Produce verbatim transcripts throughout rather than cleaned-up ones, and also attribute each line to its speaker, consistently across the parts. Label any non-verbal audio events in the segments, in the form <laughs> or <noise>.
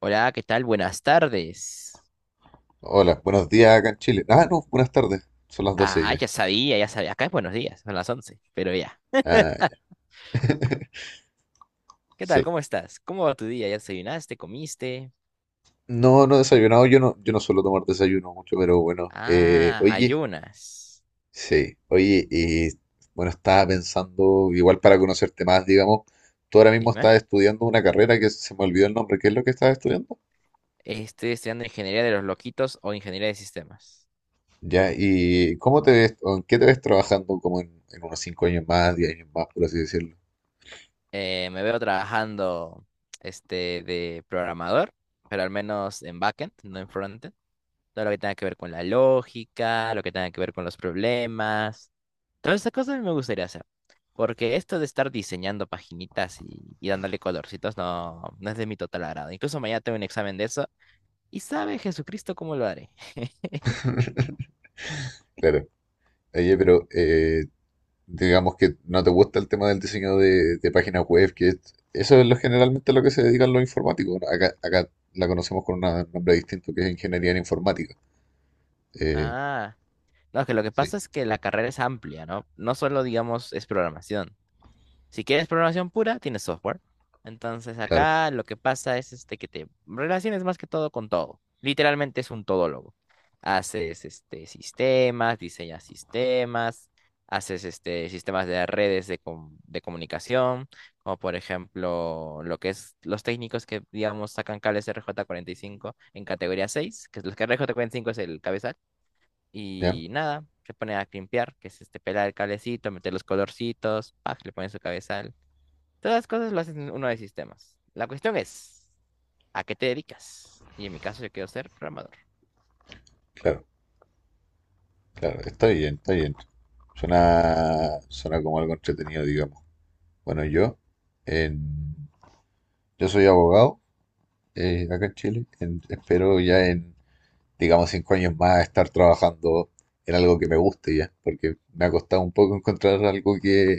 Speaker 1: Hola, ¿qué tal? Buenas tardes.
Speaker 2: Hola, buenos días acá en Chile. Ah, no, buenas tardes. Son las doce
Speaker 1: Ah,
Speaker 2: ya.
Speaker 1: ya sabía, ya sabía. Acá es buenos días, son las once, pero ya.
Speaker 2: Ah, ya,
Speaker 1: ¿Qué tal?
Speaker 2: sí.
Speaker 1: ¿Cómo estás? ¿Cómo va tu día? ¿Ya desayunaste? ¿Comiste?
Speaker 2: No, no he desayunado. Yo no, yo no suelo tomar desayuno mucho, pero bueno. Eh,
Speaker 1: Ah,
Speaker 2: oye,
Speaker 1: ayunas.
Speaker 2: sí. Oye, y bueno, estaba pensando, igual para conocerte más, digamos, tú ahora mismo
Speaker 1: Dime.
Speaker 2: estás estudiando una carrera que se me olvidó el nombre. ¿Qué es lo que estás estudiando?
Speaker 1: Estoy estudiando ingeniería de los loquitos o ingeniería de sistemas.
Speaker 2: Ya, ¿y cómo te ves, o en qué te ves trabajando como en, en unos cinco años más, diez años más, por así decirlo?
Speaker 1: Eh, me veo trabajando este, de programador, pero al menos en backend, no en frontend. Todo lo que tenga que ver con la lógica, lo que tenga que ver con los problemas, todas esas cosas me gustaría hacer. Porque esto de estar diseñando paginitas y, y dándole colorcitos no, no es de mi total agrado. Incluso mañana tengo un examen de eso. Y sabe Jesucristo cómo lo haré. <laughs>
Speaker 2: Claro. Oye, pero eh, digamos que no te gusta el tema del diseño de, de páginas web, que es- eso es lo generalmente a lo que se dedican los informáticos, ¿no? Acá, acá la conocemos con un nombre distinto que es ingeniería en informática. Eh,
Speaker 1: Ah, no, que lo que
Speaker 2: sí,
Speaker 1: pasa es que la carrera es amplia, ¿no? No solo, digamos, es programación. Si quieres programación pura, tienes software. Entonces
Speaker 2: claro,
Speaker 1: acá lo que pasa es este que te relaciones más que todo con todo. Literalmente es un todólogo. Haces este sistemas, diseñas sistemas, haces este sistemas de redes de, com- de comunicación, como por ejemplo lo que es los técnicos que digamos sacan cables R J cuarenta y cinco en categoría seis, que es los que R J cuarenta y cinco es el cabezal
Speaker 2: ya,
Speaker 1: y nada, se pone a limpiar, que es este pelar el cablecito, meter los colorcitos, pac, le pones su cabezal. Todas las cosas lo hacen uno de sistemas. La cuestión es, ¿a qué te dedicas? Y en mi caso yo quiero ser programador.
Speaker 2: claro, claro, está bien, está bien. Suena, suena como algo entretenido, digamos. Bueno, yo, en- yo soy abogado, eh, acá en Chile, en- espero ya en, digamos, cinco años más estar trabajando en algo que me guste ya, porque me ha costado un poco encontrar algo que,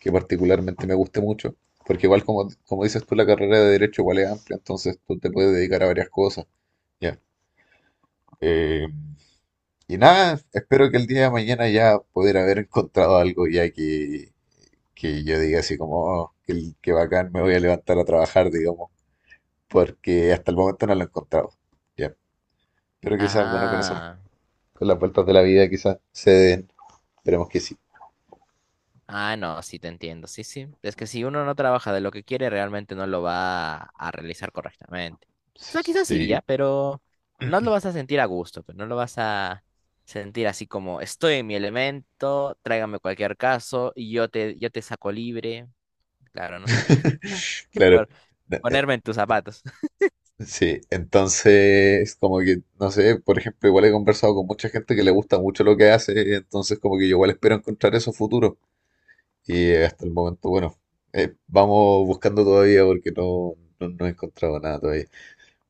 Speaker 2: que particularmente me guste mucho, porque igual como, como dices tú, la carrera de derecho igual es amplia, entonces tú te puedes dedicar a varias cosas, ya. Eh, y nada, espero que el día de mañana ya poder haber encontrado algo ya que, que yo diga así como, oh, qué, qué bacán, me voy a levantar a trabajar, digamos, porque hasta el momento no lo he encontrado, ya. Pero que seas bueno con eso,
Speaker 1: Ah,
Speaker 2: con las vueltas de la vida quizás se den. Esperemos que sí.
Speaker 1: ah, no, sí te entiendo, sí, sí. Es que si uno no trabaja de lo que quiere, realmente no lo va a, a realizar correctamente. O
Speaker 2: Sí,
Speaker 1: sea,
Speaker 2: sí,
Speaker 1: quizás sí,
Speaker 2: sí,
Speaker 1: ya, pero no lo vas a sentir a gusto, pero no lo vas a sentir así como estoy en mi elemento, tráigame cualquier caso y yo te, yo te saco libre. Claro, ¿no? <laughs>
Speaker 2: claro.
Speaker 1: Por
Speaker 2: Eh, eh,
Speaker 1: ponerme en tus zapatos.
Speaker 2: sí, entonces como que, no sé, por ejemplo, igual he conversado con mucha gente que le gusta mucho lo que hace, entonces como que yo igual espero encontrar eso futuro. Y eh, hasta el momento, bueno, eh, vamos buscando todavía porque no, no, no he encontrado nada todavía.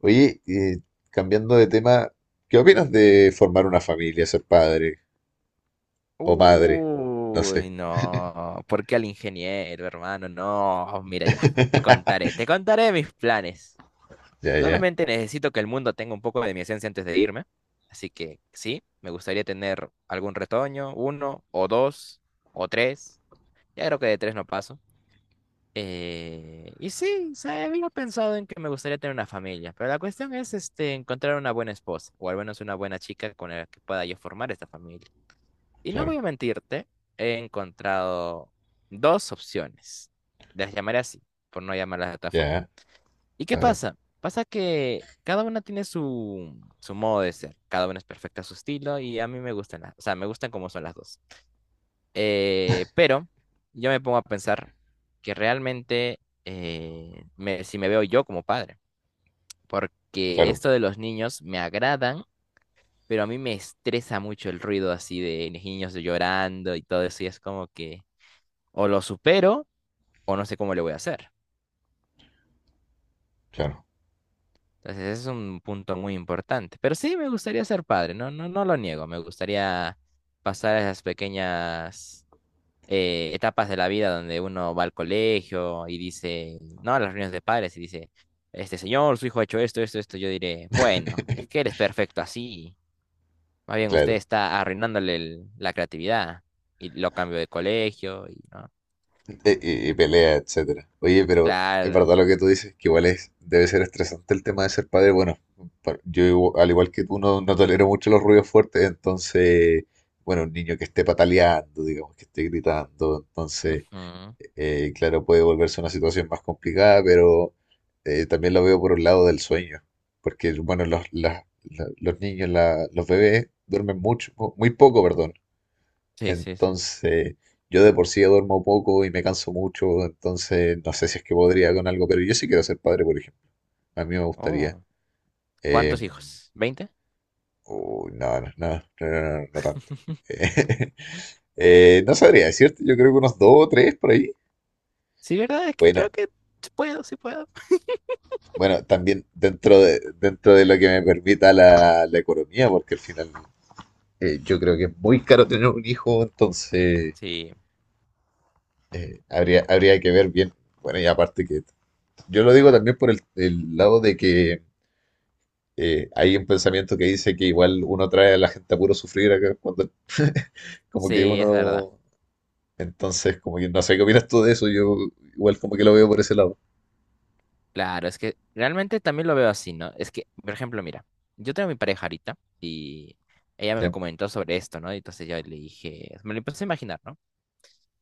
Speaker 2: Oye, eh, cambiando de tema, ¿qué opinas de formar una familia, ser padre o madre? No sé.
Speaker 1: Uy, no. ¿Por qué al ingeniero, hermano? No, mira ya. Te contaré,
Speaker 2: <laughs>
Speaker 1: te contaré mis planes.
Speaker 2: Ya, ya,
Speaker 1: Claramente necesito que el mundo tenga un poco de mi esencia antes de irme. Así que sí, me gustaría tener algún retoño, uno o dos o tres. Ya creo que de tres no paso. Eh, y sí, o sea, había pensado en que me gustaría tener una familia, pero la cuestión es este, encontrar una buena esposa o al menos una buena chica con la que pueda yo formar esta familia. Y no
Speaker 2: claro,
Speaker 1: voy a mentirte, he encontrado dos opciones. Las llamaré así, por no llamarlas de otra forma.
Speaker 2: ya,
Speaker 1: ¿Y
Speaker 2: a
Speaker 1: qué
Speaker 2: ver.
Speaker 1: pasa? Pasa que cada una tiene su, su modo de ser. Cada una es perfecta a su estilo y a mí me gustan las, o sea, me gustan como son las dos. Eh, pero yo me pongo a pensar que realmente eh, me- si me veo yo como padre, porque
Speaker 2: Claro,
Speaker 1: esto de los niños me agradan, pero a mí me estresa mucho el ruido así de niños llorando y todo eso y es como que... o lo supero o no sé cómo le voy a hacer.
Speaker 2: claro,
Speaker 1: Entonces, ese es un punto muy importante. Pero sí, me gustaría ser padre, no, no, no lo niego. Me gustaría pasar esas pequeñas eh, etapas de la vida donde uno va al colegio y dice, no, a las reuniones de padres y dice, este señor, su hijo ha hecho esto, esto, esto. Yo diré, bueno, es que eres perfecto así. Más bien usted
Speaker 2: claro.
Speaker 1: está arruinándole el- la creatividad. Y lo cambio de colegio y no.
Speaker 2: E- Y, y
Speaker 1: y-
Speaker 2: pelea, etcétera. Oye, pero es
Speaker 1: claro.
Speaker 2: verdad lo que tú dices, que igual es, debe ser estresante el tema de ser padre. Bueno, pa- yo igu- al igual que tú no, no tolero mucho los ruidos fuertes, entonces, bueno, un niño que esté pataleando, digamos, que esté gritando, entonces,
Speaker 1: Ujú,
Speaker 2: eh, claro, puede volverse una situación más complicada, pero eh, también lo veo por un lado del sueño, porque, bueno, los, las- la- los niños, la- los bebés duermen mucho, muy poco, perdón.
Speaker 1: sí, sí, sí.
Speaker 2: Entonces, yo de por sí duermo poco y me canso mucho, entonces no sé si es que podría con algo, pero yo sí quiero ser padre, por ejemplo. A mí me gustaría.
Speaker 1: Oh.
Speaker 2: Eh,
Speaker 1: ¿Cuántos hijos? ¿Veinte?
Speaker 2: uy, no, no, no, no, no, no, no tanto.
Speaker 1: <laughs>
Speaker 2: <laughs> Eh, no sabría decirte, yo creo que unos dos o tres por ahí.
Speaker 1: Sí, ¿verdad? Es que
Speaker 2: Bueno,
Speaker 1: creo que sí puedo, sí puedo.
Speaker 2: bueno, también dentro de, dentro de lo que me permita la, la economía, porque al final eh, yo creo que es muy caro tener un hijo, entonces
Speaker 1: Sí,
Speaker 2: eh, habría, habría que ver bien. Bueno, y aparte que yo lo digo también por el, el lado de que eh, hay un pensamiento que dice que igual uno trae a la gente a puro sufrir acá cuando <laughs> como que
Speaker 1: sí, es verdad.
Speaker 2: uno... Entonces, como que no sé qué opinas tú de eso, yo igual como que lo veo por ese lado.
Speaker 1: Claro, es que realmente también lo veo así, ¿no? Es que, por ejemplo, mira, yo tengo mi pareja ahorita y ella me
Speaker 2: Ya,
Speaker 1: comentó sobre esto, ¿no? Y entonces yo le dije, me lo empecé a imaginar, ¿no?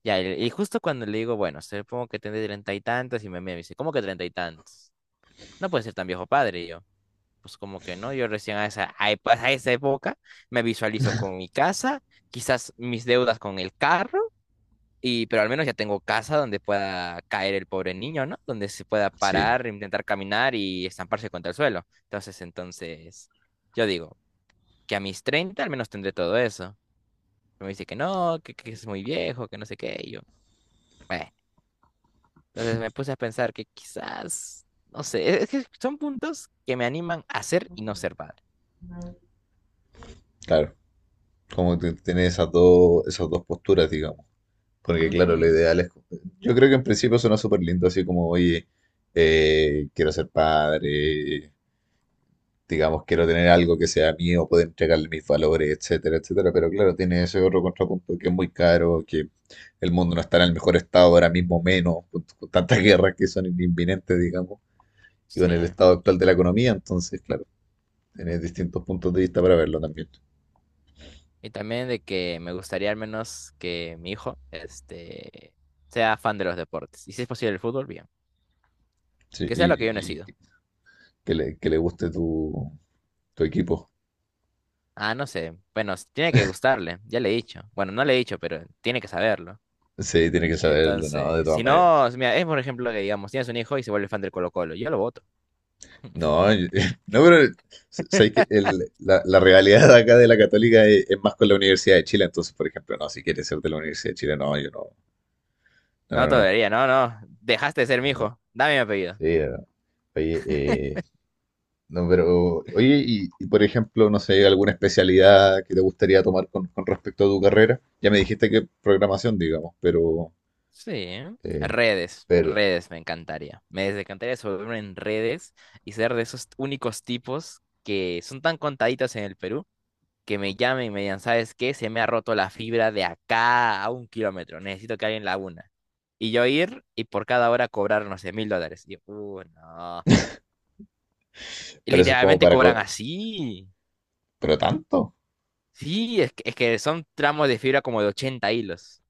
Speaker 1: Ya, y y justo cuando le digo, bueno, supongo que tendré treinta y tantos, y me mira y me dice, ¿cómo que treinta y tantos? No puede ser tan viejo padre, y yo. Pues como que no, yo recién a esa, a epa- a esa época me visualizo con mi casa, quizás mis deudas con el carro. Y, pero al menos ya tengo casa donde pueda caer el pobre niño, ¿no? Donde se pueda
Speaker 2: sí,
Speaker 1: parar, intentar caminar y estamparse contra el suelo. Entonces, entonces, yo digo que a mis treinta al menos tendré todo eso. Pero me dice que no, que, que es muy viejo, que no sé qué. Y yo, bueno, entonces me puse a pensar que quizás, no sé, es es que son puntos que me animan a ser y no ser padre.
Speaker 2: claro. Como que tiene esas dos, esas dos posturas, digamos. Porque claro, lo
Speaker 1: Ujú,
Speaker 2: ideal es... Yo creo que en principio suena súper lindo, así como, oye, eh, quiero ser padre, digamos, quiero tener algo que sea mío, poder entregarle mis valores, etcétera, etcétera. Pero claro, tiene ese otro contrapunto que es muy caro, que el mundo no está en el mejor estado ahora mismo, menos, con, con tantas guerras que son inminentes, digamos, y con el
Speaker 1: sí.
Speaker 2: estado actual de la economía. Entonces, claro, tiene distintos puntos de vista para verlo también.
Speaker 1: Y también de que me gustaría al menos que mi hijo, este, sea fan de los deportes. Y si es posible el fútbol, bien.
Speaker 2: Sí,
Speaker 1: Que sea lo que yo no he
Speaker 2: y,
Speaker 1: sido.
Speaker 2: y que le, que le guste tu, tu equipo.
Speaker 1: Ah, no sé. Bueno, s- tiene que gustarle, ya le he dicho. Bueno, no le he dicho, pero tiene que saberlo.
Speaker 2: Sí, tiene que saberlo, ¿no? De
Speaker 1: Entonces,
Speaker 2: todas
Speaker 1: si
Speaker 2: maneras.
Speaker 1: no, mira, es por ejemplo que digamos, tienes un hijo y se vuelve fan del Colo-Colo, yo lo voto.
Speaker 2: No, yo-
Speaker 1: <laughs>
Speaker 2: <laughs> no, pero sabéis que el- la, la realidad acá de la Católica es, es más con la Universidad de Chile, entonces, por ejemplo, no, si quieres ser de la Universidad de Chile, no, yo no,
Speaker 1: No te
Speaker 2: no, no,
Speaker 1: debería, no, no. Dejaste de ser mi
Speaker 2: no, no,
Speaker 1: hijo. Dame mi apellido.
Speaker 2: sí, no. Oye, eh, no, pero, oye, y, y, por ejemplo, no sé, alguna especialidad que te gustaría tomar con, con respecto a tu carrera, ya me dijiste que programación, digamos, pero,
Speaker 1: Sí.
Speaker 2: eh,
Speaker 1: Redes,
Speaker 2: pero,
Speaker 1: redes me encantaría. Me encantaría sobre en redes y ser de esos únicos tipos que son tan contaditos en el Perú que me llamen y me digan, ¿sabes qué? Se me ha roto la fibra de acá a un kilómetro, necesito que alguien la una. Y yo ir y por cada hora cobrar, no sé, mil dólares. Y yo, "Uh, no. Y
Speaker 2: pero eso es como
Speaker 1: literalmente
Speaker 2: para,
Speaker 1: cobran
Speaker 2: co-
Speaker 1: así.
Speaker 2: pero tanto,
Speaker 1: Sí, es que, es que son tramos de fibra como de ochenta hilos.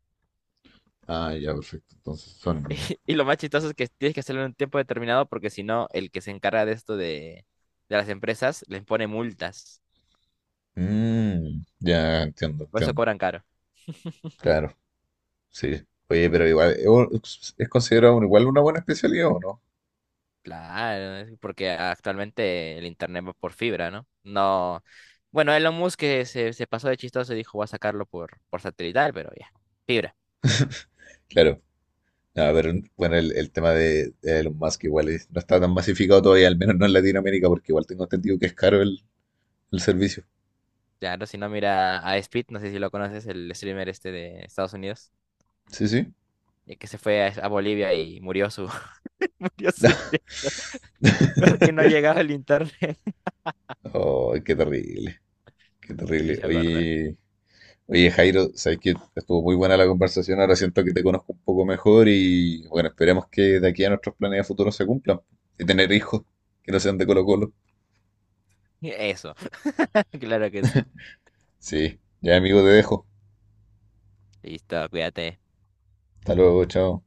Speaker 2: ah, ya, perfecto, entonces son,
Speaker 1: <laughs> Y lo más chistoso es que tienes que hacerlo en un tiempo determinado porque si no, el que se encarga de esto de, de las empresas les pone multas.
Speaker 2: Mm, ya entiendo,
Speaker 1: Por eso
Speaker 2: entiendo.
Speaker 1: cobran caro.
Speaker 2: Claro. Sí. Oye, pero igual, ¿es un- es considerado un- igual una buena especialidad o no?
Speaker 1: Claro, es porque actualmente el internet va por fibra, ¿no? No. Bueno, Elon Musk que se, se pasó de chistoso y dijo, voy a sacarlo por, por satelital, pero ya, fibra.
Speaker 2: Claro. No, pero bueno, el, el tema de, de Elon Musk igual es- no está tan masificado todavía, al menos no en Latinoamérica, porque igual tengo entendido que es caro el, el servicio.
Speaker 1: Ya, no, si no, mira a Speed, no sé si lo conoces, el streamer este de Estados Unidos,
Speaker 2: Sí, sí.
Speaker 1: eh, que se fue a, a Bolivia y murió su... <laughs> murió su...
Speaker 2: <laughs>
Speaker 1: directo, <laughs> porque no llegaba el internet. <laughs>
Speaker 2: Oh, qué terrible, qué
Speaker 1: Te
Speaker 2: terrible.
Speaker 1: hice acordar.
Speaker 2: Oye, oye, Jairo, sabes que estuvo muy buena la conversación, ahora siento que te conozco un poco mejor y bueno, esperemos que de aquí a nuestros planes de futuro se cumplan. De tener hijos que no sean de Colo Colo.
Speaker 1: Eso, <laughs> claro que sí.
Speaker 2: Sí, ya amigo, te dejo.
Speaker 1: Listo, cuídate.
Speaker 2: Hasta luego, chao.